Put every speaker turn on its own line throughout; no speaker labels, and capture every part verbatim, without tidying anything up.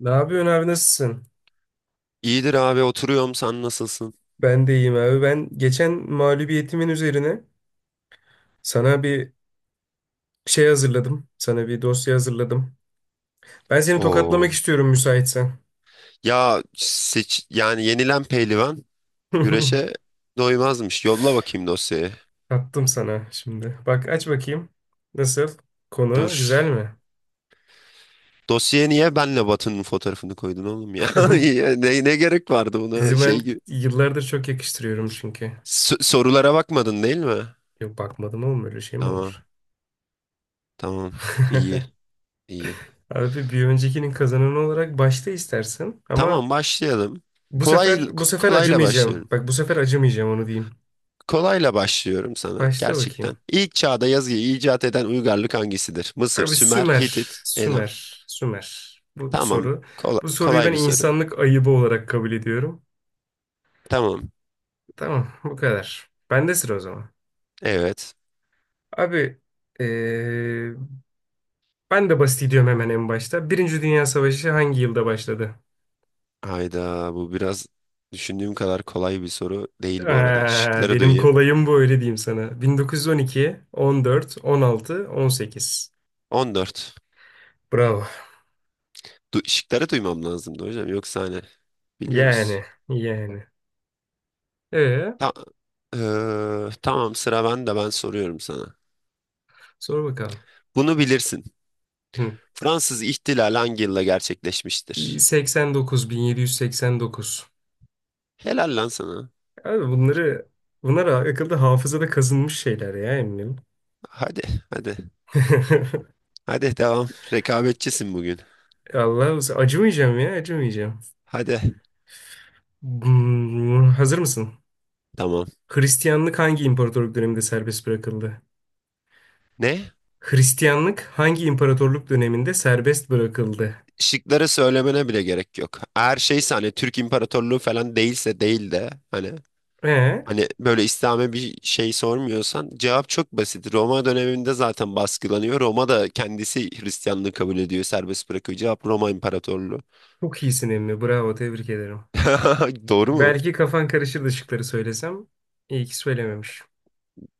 Ne yapıyorsun abi nasılsın?
İyidir abi, oturuyorum, sen nasılsın?
Ben de iyiyim abi. Ben geçen mağlubiyetimin üzerine sana bir şey hazırladım. Sana bir dosya hazırladım. Ben seni
Oo.
tokatlamak istiyorum müsaitsen.
Ya seç, yani yenilen pehlivan güreşe doymazmış. Yolla bakayım dosyayı.
Attım sana şimdi. Bak aç bakayım. Nasıl?
Dur.
Konu güzel mi?
Dosyaya niye benle Batı'nın fotoğrafını koydun oğlum ya? Ya Ne, ne gerek vardı buna,
Sizi ben
şey gibi.
yıllardır çok yakıştırıyorum çünkü.
S- sorulara bakmadın değil mi?
Yok bakmadım oğlum öyle şey mi olur?
Tamam. Tamam. İyi. İyi.
Abi bir öncekinin kazananı olarak başta istersin ama
Tamam, başlayalım.
bu
Kolay
sefer bu
k-
sefer
kolayla
acımayacağım.
başlıyorum.
Bak bu sefer acımayacağım onu diyeyim.
Kolayla başlıyorum sana
Başla
gerçekten.
bakayım.
İlk çağda yazıyı icat eden uygarlık hangisidir? Mısır,
Abi
Sümer,
Sümer,
Hitit, Elam.
Sümer, Sümer. Bu, bu
Tamam.
soru.
Kolay,
Bu soruyu
kolay
ben
bir soru.
insanlık ayıbı olarak kabul ediyorum.
Tamam.
Tamam, bu kadar. Bende sıra o zaman.
Evet.
Abi, eee, ben de basit gidiyorum hemen en başta. Birinci Dünya Savaşı hangi yılda başladı?
Hayda, bu biraz düşündüğüm kadar kolay bir soru değil bu arada.
Eee,
Şıkları
benim
duyayım.
kolayım bu öyle diyeyim sana. bin dokuz yüz on iki, on dört, on altı, on sekiz.
on dört.
Bravo.
Du şıkları duymam lazımdı hocam. Yoksa hani
Yani,
biliyoruz.
yani. Ee,
Ta- Eee, tamam, sıra bende, ben soruyorum sana.
sor bakalım.
Bunu bilirsin.
Hı.
Fransız İhtilali hangi yılda gerçekleşmiştir?
seksen dokuz, bin yedi yüz seksen dokuz.
Helal lan sana.
Abi bunları bunlar akılda hafızada kazınmış şeyler ya eminim.
Hadi hadi. Hadi devam. Rekabetçisin bugün.
Allah acımayacağım ya acımayacağım.
Hadi.
Hmm, hazır mısın?
Tamam.
Hristiyanlık hangi imparatorluk döneminde serbest bırakıldı?
Ne?
Hristiyanlık hangi imparatorluk döneminde serbest bırakıldı?
Şıkları söylemene bile gerek yok. Eğer şeyse, hani Türk İmparatorluğu falan değilse, değil de hani,
Ee,
hani böyle İslam'a bir şey sormuyorsan cevap çok basit. Roma döneminde zaten baskılanıyor. Roma da kendisi Hristiyanlığı kabul ediyor, serbest bırakıyor. Cevap Roma İmparatorluğu.
çok iyisin emmi. Bravo, tebrik ederim.
Doğru mu?
Belki kafan karışırdı şıkları söylesem. İyi ki söylememiş.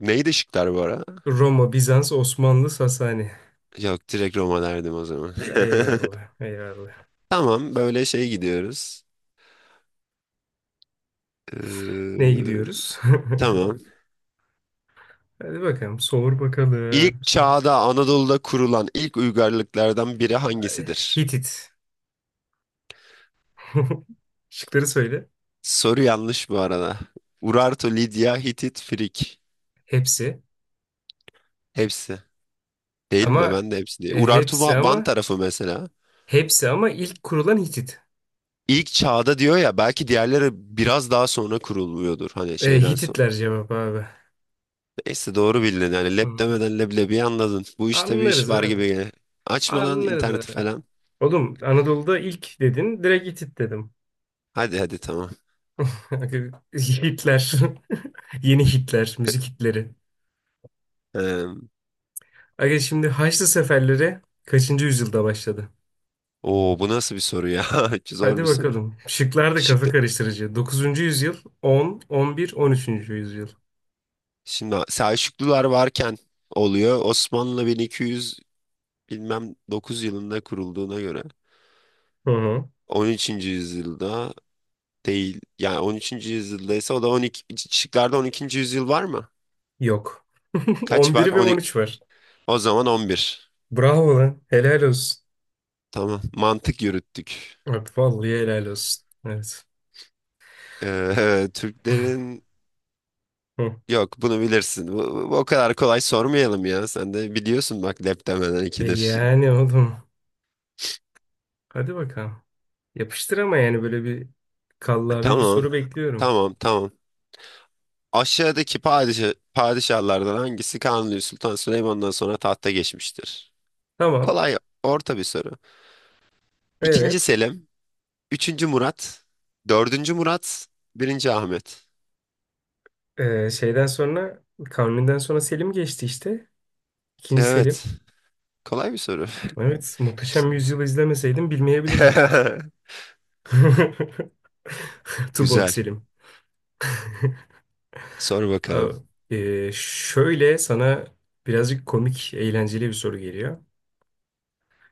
Neydi şıklar bu ara?
Roma, Bizans, Osmanlı, Sasani.
Yok, direkt Roma derdim o zaman.
Eyvallah, eyvallah.
Tamam, böyle şey gidiyoruz.
Neye
Ee,
gidiyoruz?
tamam.
Hadi bakalım. Sor bakalım.
İlk
Sor.
çağda Anadolu'da kurulan ilk uygarlıklardan biri hangisidir?
Hitit. Şıkları söyle.
Soru yanlış bu arada. Urartu, Lidya, Hitit, Frik.
Hepsi.
Hepsi. Değil mi?
Ama
Ben de hepsi değil.
e,
Urartu
hepsi
Va- Van
ama
tarafı mesela.
hepsi ama ilk kurulan Hitit.
İlk çağda diyor ya, belki diğerleri biraz daha sonra kurulmuyordur. Hani
E,
şeyden sonra.
Hititler cevap abi.
Neyse, doğru bildin. Yani lep
Hı.
demeden leblebiyi anladın. Bu işte bir iş
Anlarız
var
abi.
gibi. gel- Açma
Anlarız
interneti
abi.
falan.
Oğlum Anadolu'da ilk dedin. Direkt Hitit dedim.
Hadi hadi tamam.
Hitler. Yeni Hitler. Müzik Hitleri.
Ee,
Aga şimdi Haçlı seferleri kaçıncı yüzyılda başladı?
Oo, bu nasıl bir soru ya? Zor
Hadi
bir soru.
bakalım. Şıklar da kafa
Şıklı.
karıştırıcı. Dokuzuncu yüzyıl, on, on bir, on üçüncü yüzyıl.
Şimdi Selçuklular varken oluyor. Osmanlı bilmem dokuz yılında kurulduğuna göre
Hı hı.
on üçüncü yüzyılda değil. Yani on üçüncü yüzyıldaysa, o da on ikinci Şıklarda on ikinci yüzyıl var mı?
Yok.
Kaç var?
on bir ve
On
on
iki.
üç var.
O zaman on bir.
Bravo lan. Helal olsun.
Tamam. Mantık yürüttük.
Abi vallahi helal olsun. Evet.
Ee, Türklerin,
Hı.
yok bunu bilirsin. Bu, bu- o kadar kolay sormayalım ya. Sen de biliyorsun, bak lep demeden
E
ikidir.
yani oğlum. Hadi bakalım. Yapıştır ama yani böyle bir kallavi bir
Tamam.
soru bekliyorum.
Tamam. Tamam. Aşağıdaki padişah, padişahlardan hangisi Kanuni Sultan Süleyman'dan sonra tahta geçmiştir?
Tamam.
Kolay orta bir soru. İkinci
Evet.
Selim, üçüncü Murat, dördüncü Murat, birinci Ahmet.
Ee, şeyden sonra Kanuni'den sonra Selim geçti işte. İkinci Selim.
Evet, kolay bir soru.
Evet. Muhteşem Yüzyıl'ı izlemeseydim bilmeyebilirdim. Tuborg
Güzel.
Selim.
Sor bakalım.
Abi, e, şöyle sana birazcık komik, eğlenceli bir soru geliyor.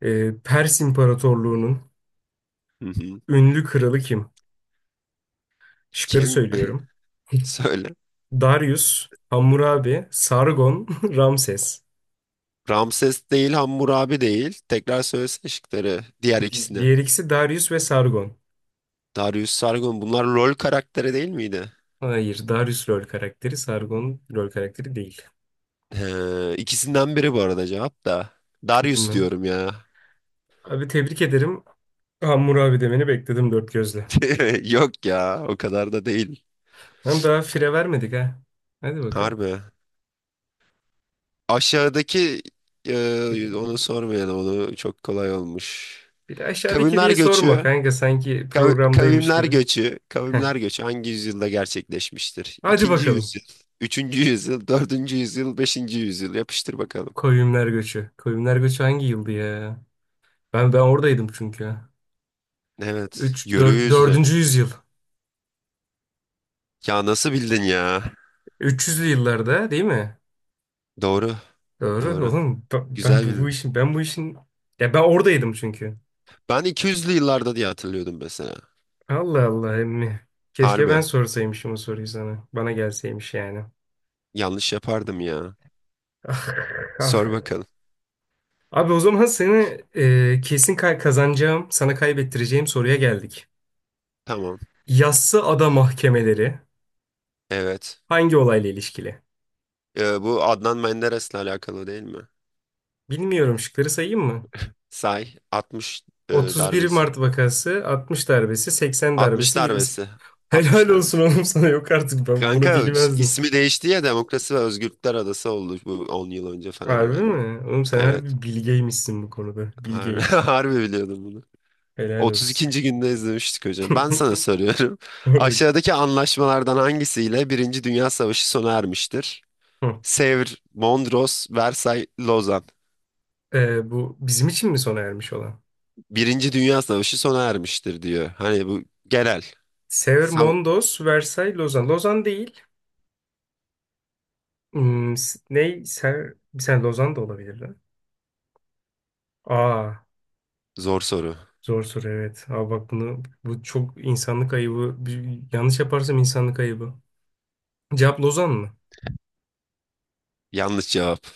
E, Pers İmparatorluğu'nun
Hı hı.
ünlü kralı kim? Şıkları
Kim?
söylüyorum.
Söyle.
Darius, Hammurabi, Sargon, Ramses.
Ramses değil, Hammurabi değil. Tekrar söylesene şıkları. Diğer
Di-
ikisini.
Diğer ikisi Darius ve Sargon.
Darius, Sargon. Bunlar rol karakteri değil miydi?
Hayır, Darius rol karakteri, Sargon rol karakteri değil.
Ee, ikisinden biri bu arada cevap da. Darius
Bilmem.
diyorum ya.
Abi tebrik ederim. Hammurabi demeni bekledim dört gözle.
Yok ya, o kadar da değil.
Hem daha fire vermedik ha. Hadi bakalım.
Harbi. Aşağıdaki e, Onu sormayalım, onu çok kolay olmuş.
Bir de aşağıdaki
Kavimler
diye sorma
göçü
kanka sanki
kav-
programdaymış
kavimler
gibi.
göçü
Heh.
kavimler göçü hangi yüzyılda gerçekleşmiştir?
Hadi
İkinci
bakalım.
yüzyıl, üçüncü yüzyıl, dördüncü yüzyıl, beşinci yüzyıl, yapıştır bakalım.
Koyunlar Göçü. Koyunlar Göçü hangi yıldı ya? Ben ben oradaydım çünkü.
Evet,
üç
yörü
dört
yüzlü.
dördüncü yüzyıl.
Ya nasıl bildin ya?
üç yüzlü yıllarda değil mi?
Doğru,
Doğru
doğru.
oğlum. Ben, ben
Güzel
bu, bu
bildin.
işin ben bu işin ya ben oradaydım çünkü.
Ben iki yüzlü yıllarda diye hatırlıyordum mesela.
Allah Allah emmi. Keşke ben
Harbi.
sorsaymışım o soruyu sana. Bana gelseymiş yani.
Yanlış yapardım ya.
Ah, ah.
Sor bakalım.
Abi o zaman seni e, kesin ka- kazanacağım, sana kaybettireceğim soruya geldik.
Tamam.
Yassı Ada mahkemeleri
Evet.
hangi olayla ilişkili?
Ee, bu Adnan Menderes'le alakalı değil mi?
Bilmiyorum şıkları sayayım mı?
Say. altmış, e,
otuz bir
darbesi.
Mart vakası, altmış darbesi, seksen
altmış
darbesi, yirmi sekiz.
darbesi.
Helal
altmış
olsun
darbesi.
oğlum sana yok artık ben bunu
Kanka,
bilmezdim.
ismi değişti ya, Demokrasi ve Özgürlükler Adası oldu, bu on yıl önce falan
Harbi
herhalde.
mi? Oğlum sen
Evet.
harbi bilgeymişsin bu konuda.
Har-
Bilgey.
Harbi biliyordum bunu.
Helal olsun.
otuz ikinci günde izlemiştik hocam. Ben sana soruyorum.
Sor bakayım.
Aşağıdaki anlaşmalardan hangisiyle Birinci Dünya Savaşı sona ermiştir?
Hı.
Sevr, Mondros, Versay, Lozan.
Ee, bu bizim için mi sona ermiş olan?
Birinci Dünya Savaşı sona ermiştir diyor. Hani bu genel. Sa-
Severmondos, Versailles, Lozan. Lozan değil. Hmm, s- ne? Ser... Bir saniye Lozan da olabilir lan. Aa.
Zor soru.
Zor soru evet. Abi bak bunu bu çok insanlık ayıbı. Bir- yanlış yaparsam insanlık ayıbı. Cevap Lozan mı?
Yanlış cevap.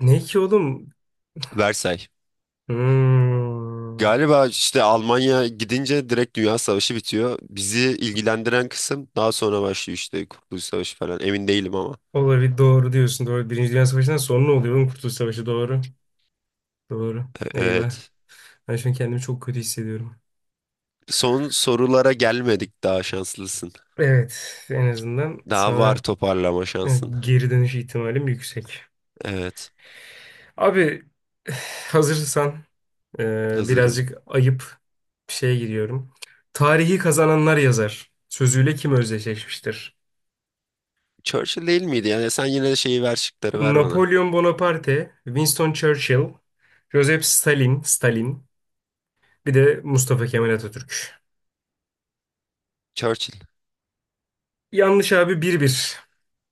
Ne ki oğlum?
Versay.
Hmm.
Galiba işte Almanya gidince direkt Dünya Savaşı bitiyor. Bizi ilgilendiren kısım daha sonra başlıyor, işte Kurtuluş Savaşı falan. Emin değilim ama.
Olabilir doğru diyorsun. Doğru. Birinci Dünya Savaşı'ndan sonra oluyor oğlum Kurtuluş Savaşı doğru. Doğru. Eyvah.
Evet.
Ben şu an kendimi çok kötü hissediyorum.
Son sorulara gelmedik, daha şanslısın.
Evet en azından
Daha var,
sana
toparlama
e,
şansın.
geri dönüş ihtimalim yüksek.
Evet.
Abi hazırsan e,
Hazırım.
birazcık ayıp bir şeye giriyorum. Tarihi kazananlar yazar. Sözüyle kim özdeşleşmiştir?
Churchill değil miydi? Yani sen yine de şeyi ver, şıkları ver bana.
Napolyon Bonaparte, Winston Churchill, Joseph Stalin, Stalin, bir de Mustafa Kemal Atatürk.
Churchill.
Yanlış abi bir bir.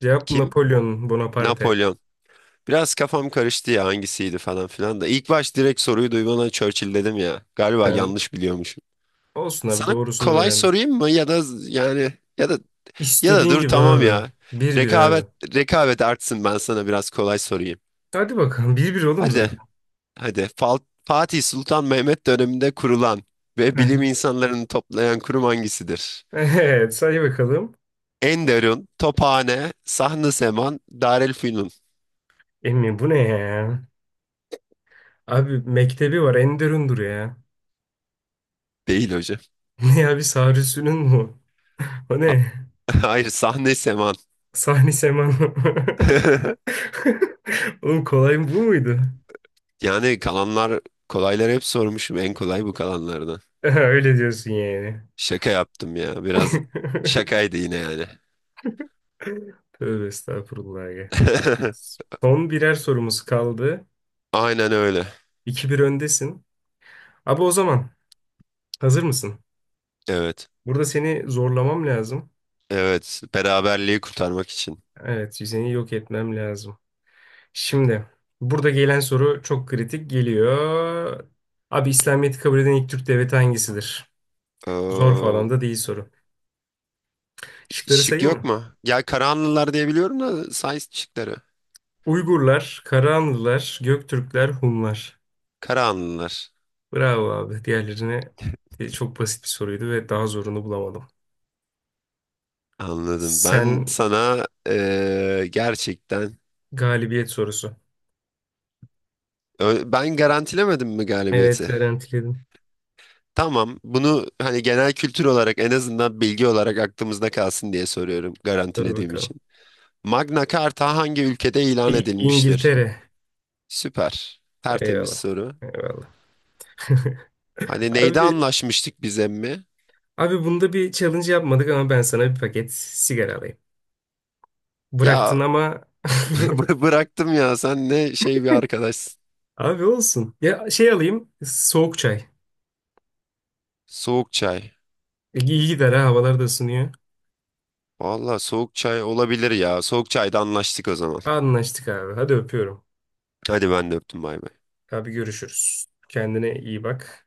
Cevap
Kim?
Napolyon Bonaparte.
Napolyon. Biraz kafam karıştı ya, hangisiydi falan filan da. İlk baş direkt soruyu duymadan Churchill dedim ya. Galiba
Sen
yanlış biliyormuşum.
olsun abi
Sana
doğrusunu
kolay
öğren.
sorayım mı, ya da yani, ya da, ya da
İstediğin
dur,
gibi
tamam
abi.
ya.
Bir bir
Rekabet
abi.
Rekabet artsın, ben sana biraz kolay sorayım.
Hadi bakalım bir bir oğlum zaten.
Hadi hadi Fal- Fatih Sultan Mehmet döneminde kurulan ve bilim insanlarını toplayan kurum hangisidir?
Evet say bakalım.
Enderun, Tophane, Sahn-ı Seman, Darülfünun.
Emmi bu ne ya? Abi mektebi var Enderun'dur ya.
Değil hocam.
Ne abi Sarüsü'nün mu? O
Ha-
ne?
Hayır, Sahn-ı Seman.
Sahni Seman. Oğlum kolay mı bu muydu?
Yani kalanlar, kolayları hep sormuşum. En kolay bu kalanlardan.
Öyle diyorsun yani.
Şaka yaptım ya. Biraz şakaydı yine yani.
Tövbe estağfurullah ya. Son birer sorumuz kaldı.
Aynen öyle.
iki bir öndesin. Abi o zaman hazır mısın?
Evet.
Burada seni zorlamam lazım.
Evet. Beraberliği kurtarmak için.
Evet, seni yok etmem lazım. Şimdi burada gelen soru çok kritik geliyor. Abi İslamiyet'i kabul eden ilk Türk devleti hangisidir? Zor
Ee,
falan da değil soru. Şıkları
şık
sayayım
yok
mı?
mu? Ya Karahanlılar diye biliyorum da, Sais şıkları.
Uygurlar, Karahanlılar, Göktürkler, Hunlar.
Karahanlılar.
Bravo abi. Diğerlerine de çok basit bir soruydu ve daha zorunu bulamadım.
Anladım. Ben
Sen
sana ee, gerçekten,
galibiyet sorusu.
Ö- ben garantilemedim mi
Evet
galibiyeti?
garantiledim.
Tamam. Bunu hani genel kültür olarak, en azından bilgi olarak aklımızda kalsın diye soruyorum,
Dur
garantilediğim
bakalım.
için. Magna Carta hangi ülkede ilan
İ-
edilmiştir?
İngiltere.
Süper. Tertemiz
Eyvallah.
soru.
Eyvallah.
Hani neyde
Abi,
anlaşmıştık biz emmi?
abi bunda bir challenge yapmadık ama ben sana bir paket sigara alayım.
Ya
Bıraktın ama
bı- bıraktım ya, sen ne şey bir arkadaşsın.
abi olsun. Ya şey alayım soğuk çay.
Soğuk çay.
E, İyi gider ha havalar da ısınıyor.
Valla soğuk çay olabilir ya. Soğuk çayda anlaştık o zaman.
Anlaştık abi. Hadi öpüyorum.
Hadi ben de öptüm, bay bay.
Abi görüşürüz. Kendine iyi bak.